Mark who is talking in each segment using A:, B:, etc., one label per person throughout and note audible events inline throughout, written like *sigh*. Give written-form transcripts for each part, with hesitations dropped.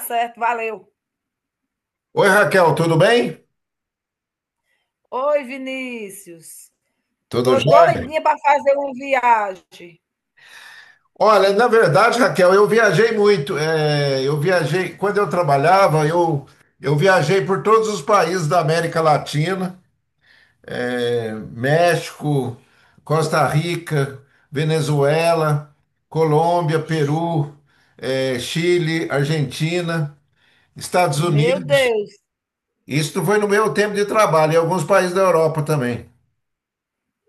A: Certo, valeu.
B: Oi, Raquel, tudo bem?
A: Oi, Vinícius.
B: Tudo
A: Tô
B: jóia?
A: doidinha para fazer uma viagem.
B: Olha, na verdade, Raquel, eu viajei muito. É, eu viajei, quando eu trabalhava, eu viajei por todos os países da América Latina, é, México, Costa Rica, Venezuela, Colômbia, Peru, é, Chile, Argentina, Estados
A: Meu
B: Unidos.
A: Deus,
B: Isso foi no meu tempo de trabalho, e alguns países da Europa também.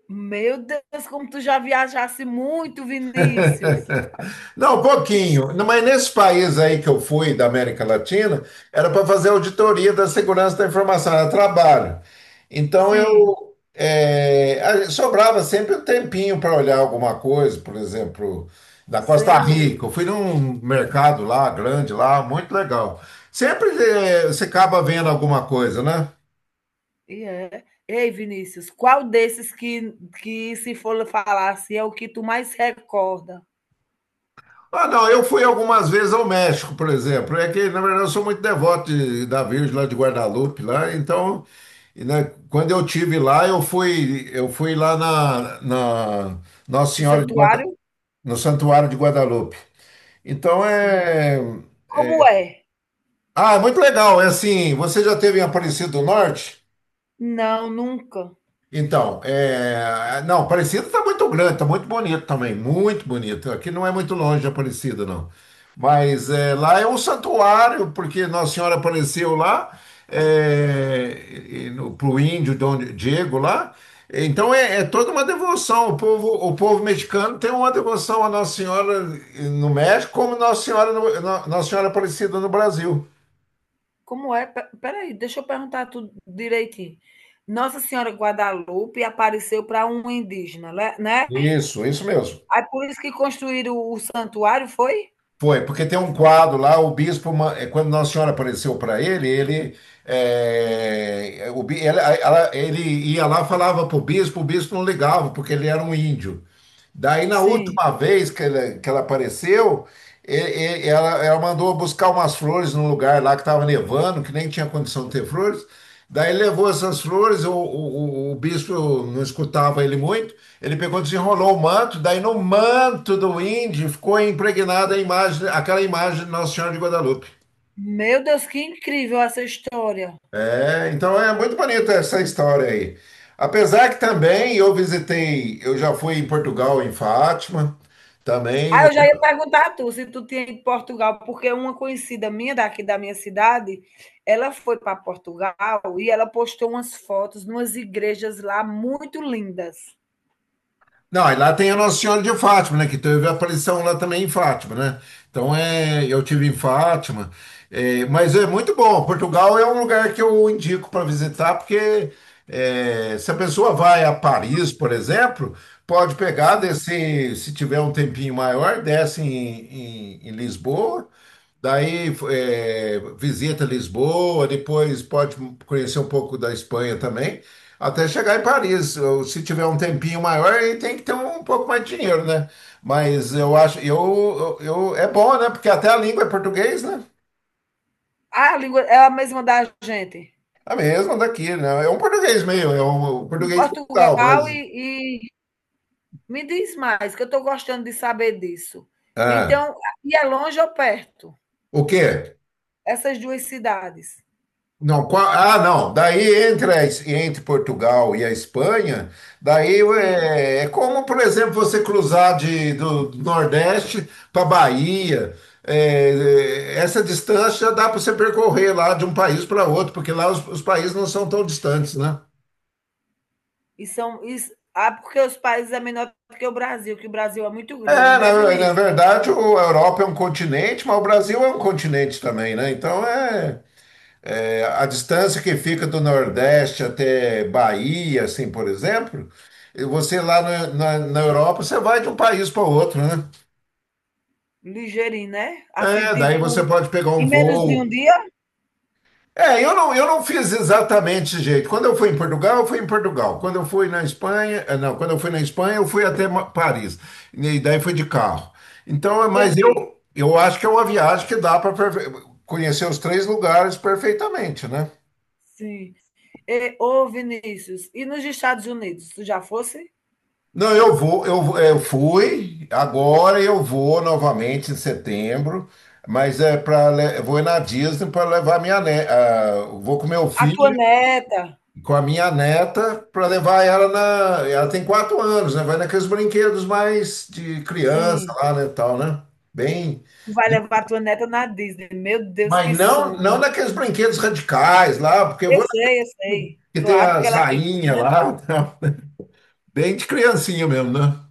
A: meu Deus, como tu já viajasse muito, Vinícius.
B: Não, um
A: Ixi.
B: pouquinho. Não, mas nesse país aí que eu fui, da América Latina, era para fazer auditoria da segurança da informação, era trabalho. Então eu
A: Sim.
B: sobrava sempre um tempinho para olhar alguma coisa, por exemplo, na Costa
A: Sei.
B: Rica. Eu fui num mercado lá, grande lá, muito legal. Sempre você acaba vendo alguma coisa, né?
A: E é. Ei, Vinícius, qual desses que se for falar assim, é o que tu mais recorda?
B: Ah, não, eu fui algumas vezes ao México, por exemplo. É que, na verdade, eu sou muito devoto da Virgem lá de Guadalupe, lá, então, e, né, quando eu tive lá, eu fui lá na, na Nossa
A: Do
B: Senhora de Guada,
A: santuário?
B: no Santuário de Guadalupe. Então
A: Sim.
B: é.
A: Como é?
B: Ah, é muito legal. É assim, você já teve em Aparecido do Norte?
A: Não, nunca.
B: Então, não, Aparecida está muito grande, está muito bonito também, muito bonito. Aqui não é muito longe de Aparecida, não. Mas é, lá é um santuário, porque Nossa Senhora apareceu lá é, para o índio Dom Diego lá. Então é, é toda uma devoção. O povo mexicano tem uma devoção a Nossa Senhora no México, como Nossa Senhora, Nossa Senhora Aparecida no Brasil.
A: Como é? Pe- Peraí, deixa eu perguntar tudo direitinho. Nossa Senhora Guadalupe apareceu para um indígena, né?
B: Isso mesmo.
A: Aí por isso que construíram o santuário, foi?
B: Foi, porque tem um quadro lá, o bispo, quando Nossa Senhora apareceu para ele, ele, é, o, bi- ela- ela- ele ia lá, falava para o bispo não ligava, porque ele era um índio. Daí, na
A: Sim.
B: última vez que ela, apareceu, ela mandou buscar umas flores num lugar lá que estava nevando, que nem tinha condição de ter flores. Daí levou essas flores, o bispo não escutava ele muito, ele pegou, desenrolou o manto, daí no manto do índio ficou impregnada a imagem, aquela imagem de Nossa Senhora de Guadalupe.
A: Meu Deus, que incrível essa história.
B: É, então é muito bonita essa história aí. Apesar que também eu visitei, eu já fui em Portugal, em Fátima, também.
A: Ah, eu já ia perguntar a tu se tu tinha ido para Portugal, porque uma conhecida minha daqui da minha cidade, ela foi para Portugal e ela postou umas fotos de umas igrejas lá muito lindas.
B: Não, e lá tem a Nossa Senhora de Fátima, né? Que teve a aparição lá também em Fátima, né? Então, eu tive em Fátima, mas é muito bom. Portugal é um lugar que eu indico para visitar, porque se a pessoa vai a Paris, por exemplo, pode pegar,
A: Sim.
B: descer, se tiver um tempinho maior, desce em, em Lisboa, daí visita Lisboa, depois pode conhecer um pouco da Espanha também. Até chegar em Paris, se tiver um tempinho maior, aí tem que ter um pouco mais de dinheiro, né? Mas eu acho, é bom, né? Porque até a língua é português, né?
A: Ah, a língua é a mesma da gente.
B: É a mesma daqui, né? É um português meio, é um
A: Em
B: português capital, mas.
A: Portugal e me diz mais, que eu estou gostando de saber disso.
B: Ah,
A: Então, e é longe ou perto?
B: o quê?
A: Essas duas cidades.
B: Não, não. Daí entre, entre Portugal e a Espanha, daí
A: Sim.
B: é como, por exemplo, você cruzar de, do Nordeste para Bahia. É, essa distância dá para você percorrer lá de um país para outro, porque lá os países não são tão distantes, né?
A: E são. E, ah, porque os países é menor do que o Brasil é muito
B: É,
A: grande, né,
B: na
A: Vinícius?
B: verdade, a Europa é um continente, mas o Brasil é um continente também, né? Então é. É, a distância que fica do Nordeste até Bahia, assim, por exemplo, e você lá na, na Europa, você vai de um país para outro, né?
A: Ligeirinho, né? Assim,
B: É, daí você
A: tipo,
B: pode pegar um
A: em menos de um
B: voo.
A: dia?
B: É, eu não fiz exatamente esse jeito. Quando eu fui em Portugal, eu fui em Portugal. Quando eu fui na Espanha, não, quando eu fui na Espanha, eu fui até Paris. E daí fui de carro. Então, mas
A: Entendi.
B: eu acho que é uma viagem que dá para conhecer os três lugares perfeitamente, né?
A: Sim. E, ô, Vinícius, e nos Estados Unidos, tu já fosse?
B: Não, eu vou, eu fui, agora eu vou novamente em setembro, mas é para eu vou ir na Disney para levar minha vou com meu
A: A tua
B: filho,
A: neta?
B: com a minha neta, para levar ela ela tem 4 anos, né? Vai naqueles brinquedos mais de criança
A: Sim.
B: lá, né, tal, né? Bem,
A: Vai levar tua neta na Disney. Meu Deus,
B: mas
A: que
B: não,
A: sonho.
B: não naqueles brinquedos radicais lá, porque eu
A: Eu
B: vou
A: sei, eu sei.
B: que tem
A: Claro, porque
B: as
A: ela é
B: rainhas
A: pequena.
B: lá, *laughs* bem de criancinha mesmo, né?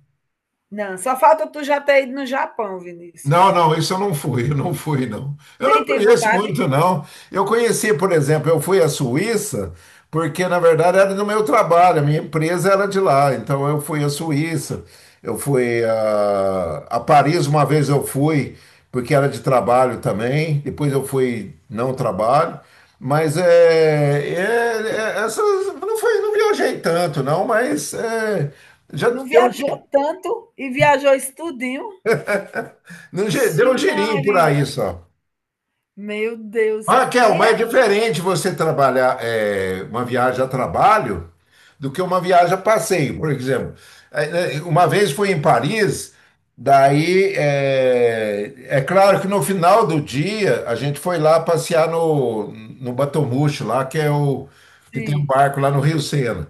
A: Não, só falta tu já ter ido no Japão,
B: Não,
A: Vinícius.
B: não, isso eu não fui, *laughs* eu não fui, não. Eu não
A: Nem tem
B: conheço
A: vontade?
B: muito, não. Eu conheci, por exemplo, eu fui à Suíça, porque na verdade era do meu trabalho, a minha empresa era de lá, então eu fui à Suíça, eu fui a Paris uma vez eu fui, porque era de trabalho também, depois eu fui não trabalho, mas é- é- essas, não foi, não viajei tanto, não, mas é, já
A: Não
B: deu,
A: viajou tanto e viajou isso tudinho.
B: deu
A: Ixi,
B: um girinho por
A: Maria.
B: aí só.
A: Meu Deus.
B: Raquel,
A: E é
B: mas é diferente você trabalhar uma viagem a trabalho do que uma viagem a passeio. Por exemplo, uma vez fui em Paris, daí é claro que no final do dia a gente foi lá passear no, no Batomuxo, lá que é o que tem um
A: assim,
B: barco lá no Rio Sena.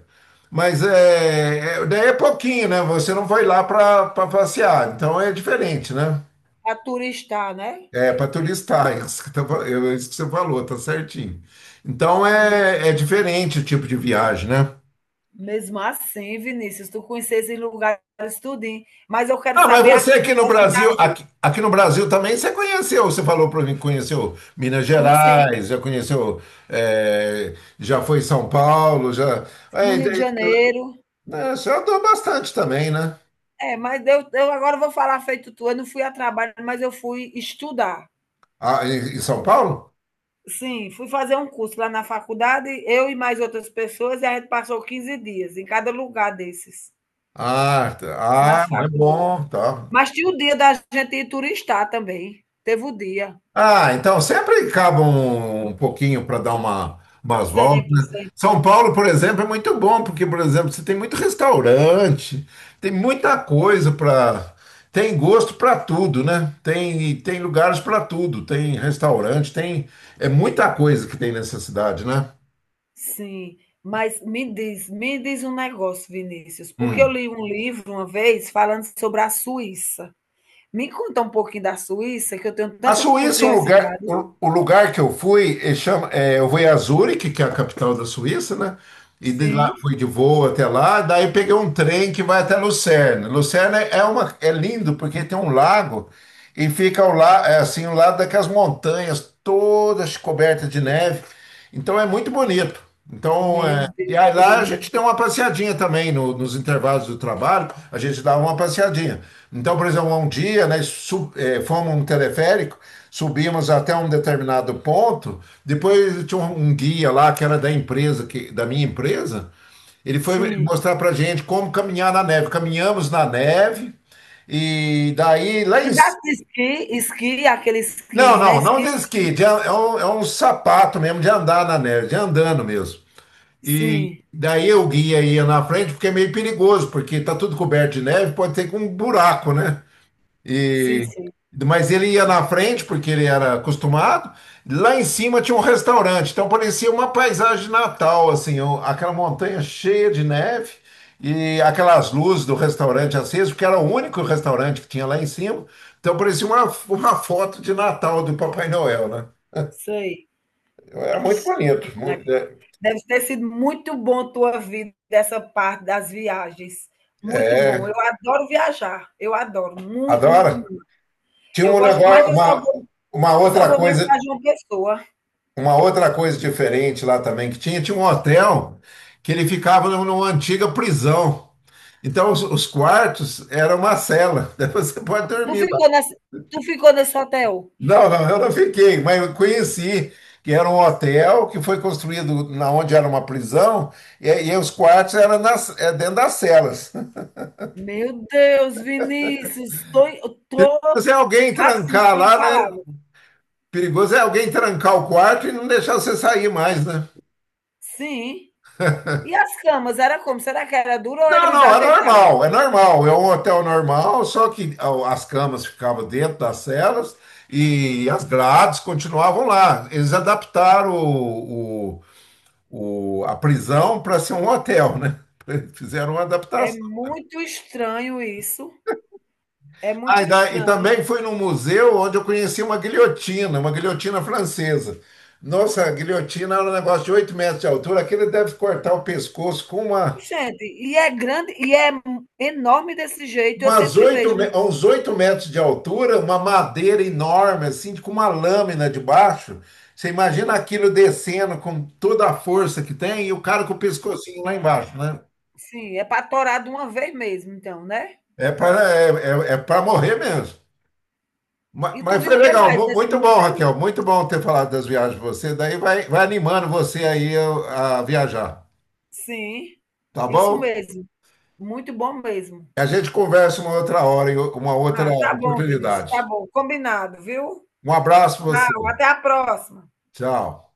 B: Mas daí é pouquinho, né? Você não foi lá para passear, então é diferente, né?
A: a turistar, né?
B: É, para tu listar, é isso é isso que você falou, tá certinho. Então
A: Sim.
B: é diferente o tipo de viagem, né?
A: Mesmo assim, Vinícius, tu conheces esses lugares tudinho. Mas eu quero
B: Ah, mas
A: saber
B: você
A: aqui do
B: aqui no
A: nosso...
B: Brasil, aqui no Brasil também você conheceu, você falou para mim que conheceu Minas
A: Conheci
B: Gerais, já conheceu, já foi em São Paulo, já. É,
A: no
B: é,
A: Rio de Janeiro.
B: né, você andou bastante também, né?
A: É, mas eu agora vou falar feito tu. Eu não fui a trabalho, mas eu fui estudar.
B: Ah, em São Paulo?
A: Sim, fui fazer um curso lá na faculdade, eu e mais outras pessoas, e a gente passou 15 dias em cada lugar desses,
B: Ah, tá.
A: nas
B: Ah, não é
A: faculdades.
B: bom, tá.
A: Mas tinha o dia da gente ir turistar também. Teve o dia.
B: Ah, então sempre acaba um pouquinho para dar uma, umas voltas,
A: Sempre,
B: né?
A: sempre.
B: São Paulo, por exemplo, é muito bom, porque, por exemplo, você tem muito restaurante, tem muita coisa para. Tem gosto para tudo, né? Tem lugares para tudo, tem restaurante, tem. É muita coisa que tem nessa cidade, né?
A: Sim. Mas me diz um negócio, Vinícius, porque eu
B: Hum.
A: li um livro uma vez falando sobre a Suíça. Me conta um pouquinho da Suíça, que eu tenho
B: A
A: tanta
B: Suíça, o lugar,
A: curiosidade.
B: o, o lugar que eu fui, eu fui a Zurique, que é a capital da Suíça, né? E de lá
A: Sim.
B: fui de voo até lá, daí peguei um trem que vai até Lucerna. Lucerna é uma é lindo porque tem um lago e fica é assim, ao lado daquelas montanhas todas cobertas de neve. Então é muito bonito. Então,
A: Meu
B: e
A: Deus,
B: aí
A: que
B: lá a gente tem
A: lindo.
B: uma passeadinha também nos intervalos do trabalho, a gente dava uma passeadinha. Então, por exemplo, um dia, né, fomos um teleférico, subimos até um determinado ponto, depois tinha um guia lá que era da empresa, da minha empresa, ele foi
A: Sim.
B: mostrar pra gente como caminhar na neve. Caminhamos na neve e daí lá em...
A: Andasse de esqui, aqueles
B: Não,
A: esquis, né,
B: não, não de
A: esquis.
B: esqui, é um sapato mesmo de andar na neve, de andando mesmo. E
A: Sim,
B: daí eu guia ia na frente, porque é meio perigoso, porque tá tudo coberto de neve, pode ter com um buraco, né?
A: sim,
B: E,
A: sim,
B: mas ele ia na frente, porque ele era acostumado. Lá em cima tinha um restaurante, então parecia uma paisagem de Natal, assim, ó, aquela montanha cheia de neve e aquelas luzes do restaurante acesas, porque era o único restaurante que tinha lá em cima. Então parecia uma foto de Natal do Papai Noel, né?
A: sei.
B: Era muito
A: Ixi,
B: bonito. mu-
A: Maria.
B: É,
A: Deve ter sido muito bom tua vida, essa parte das viagens, muito bom. Eu
B: é,
A: adoro viajar, eu adoro, muito, muito,
B: adora.
A: muito.
B: Tinha
A: Eu
B: um
A: gosto mas
B: negócio,
A: eu só vou
B: uma
A: eu só
B: outra
A: vou mais
B: coisa,
A: pra João Pessoa.
B: uma outra coisa diferente lá também que tinha um hotel que ele ficava numa antiga prisão. Então os quartos eram uma cela, *laughs* daí você pode
A: Tu
B: dormir lá.
A: ficou nesse Tu ficou nesse hotel?
B: Não, não, eu não fiquei, mas eu conheci que era um hotel que foi construído na onde era uma prisão e os quartos eram dentro das celas.
A: Meu Deus, Vinícius, tô,
B: Mas se alguém
A: assim,
B: trancar
A: sem
B: lá, né?
A: palavras.
B: Perigoso é alguém trancar o quarto e não deixar você sair mais, né?
A: Sim. E as camas, era como? Será que era dura ou
B: Não,
A: eles
B: não, é
A: ajeitaram?
B: normal, é normal. É um hotel normal, só que ó, as camas ficavam dentro das celas e as grades continuavam lá. Eles adaptaram a prisão para ser um hotel, né? *laughs* Fizeram uma
A: É
B: adaptação.
A: muito estranho isso. É
B: Ah,
A: muito
B: e
A: estranho.
B: também fui num museu onde eu conheci uma guilhotina francesa. Nossa, a guilhotina era um negócio de 8 metros de altura, aquele deve cortar o pescoço com uma,
A: Gente, e é grande, e é enorme desse jeito, eu
B: umas
A: sempre
B: oito,
A: vejo, né?
B: uns 8 metros de altura, uma madeira enorme, assim, com uma lâmina debaixo. Você imagina aquilo descendo com toda a força que tem e o cara com o pescocinho lá embaixo, né?
A: Sim, é para torar de uma vez mesmo, então, né?
B: É para é, é para morrer mesmo.
A: E tu
B: Mas,
A: viu
B: foi
A: o que
B: legal,
A: mais nesse
B: muito bom,
A: museu?
B: Raquel, muito bom ter falado das viagens de você. Daí vai, vai animando você aí a viajar,
A: Sim,
B: tá
A: isso
B: bom?
A: mesmo. Muito bom mesmo.
B: A gente conversa uma outra hora, em uma outra
A: Ah, tá bom, Vinícius, tá
B: oportunidade.
A: bom. Combinado, viu?
B: Um abraço para você.
A: Tchau, até a próxima.
B: Tchau.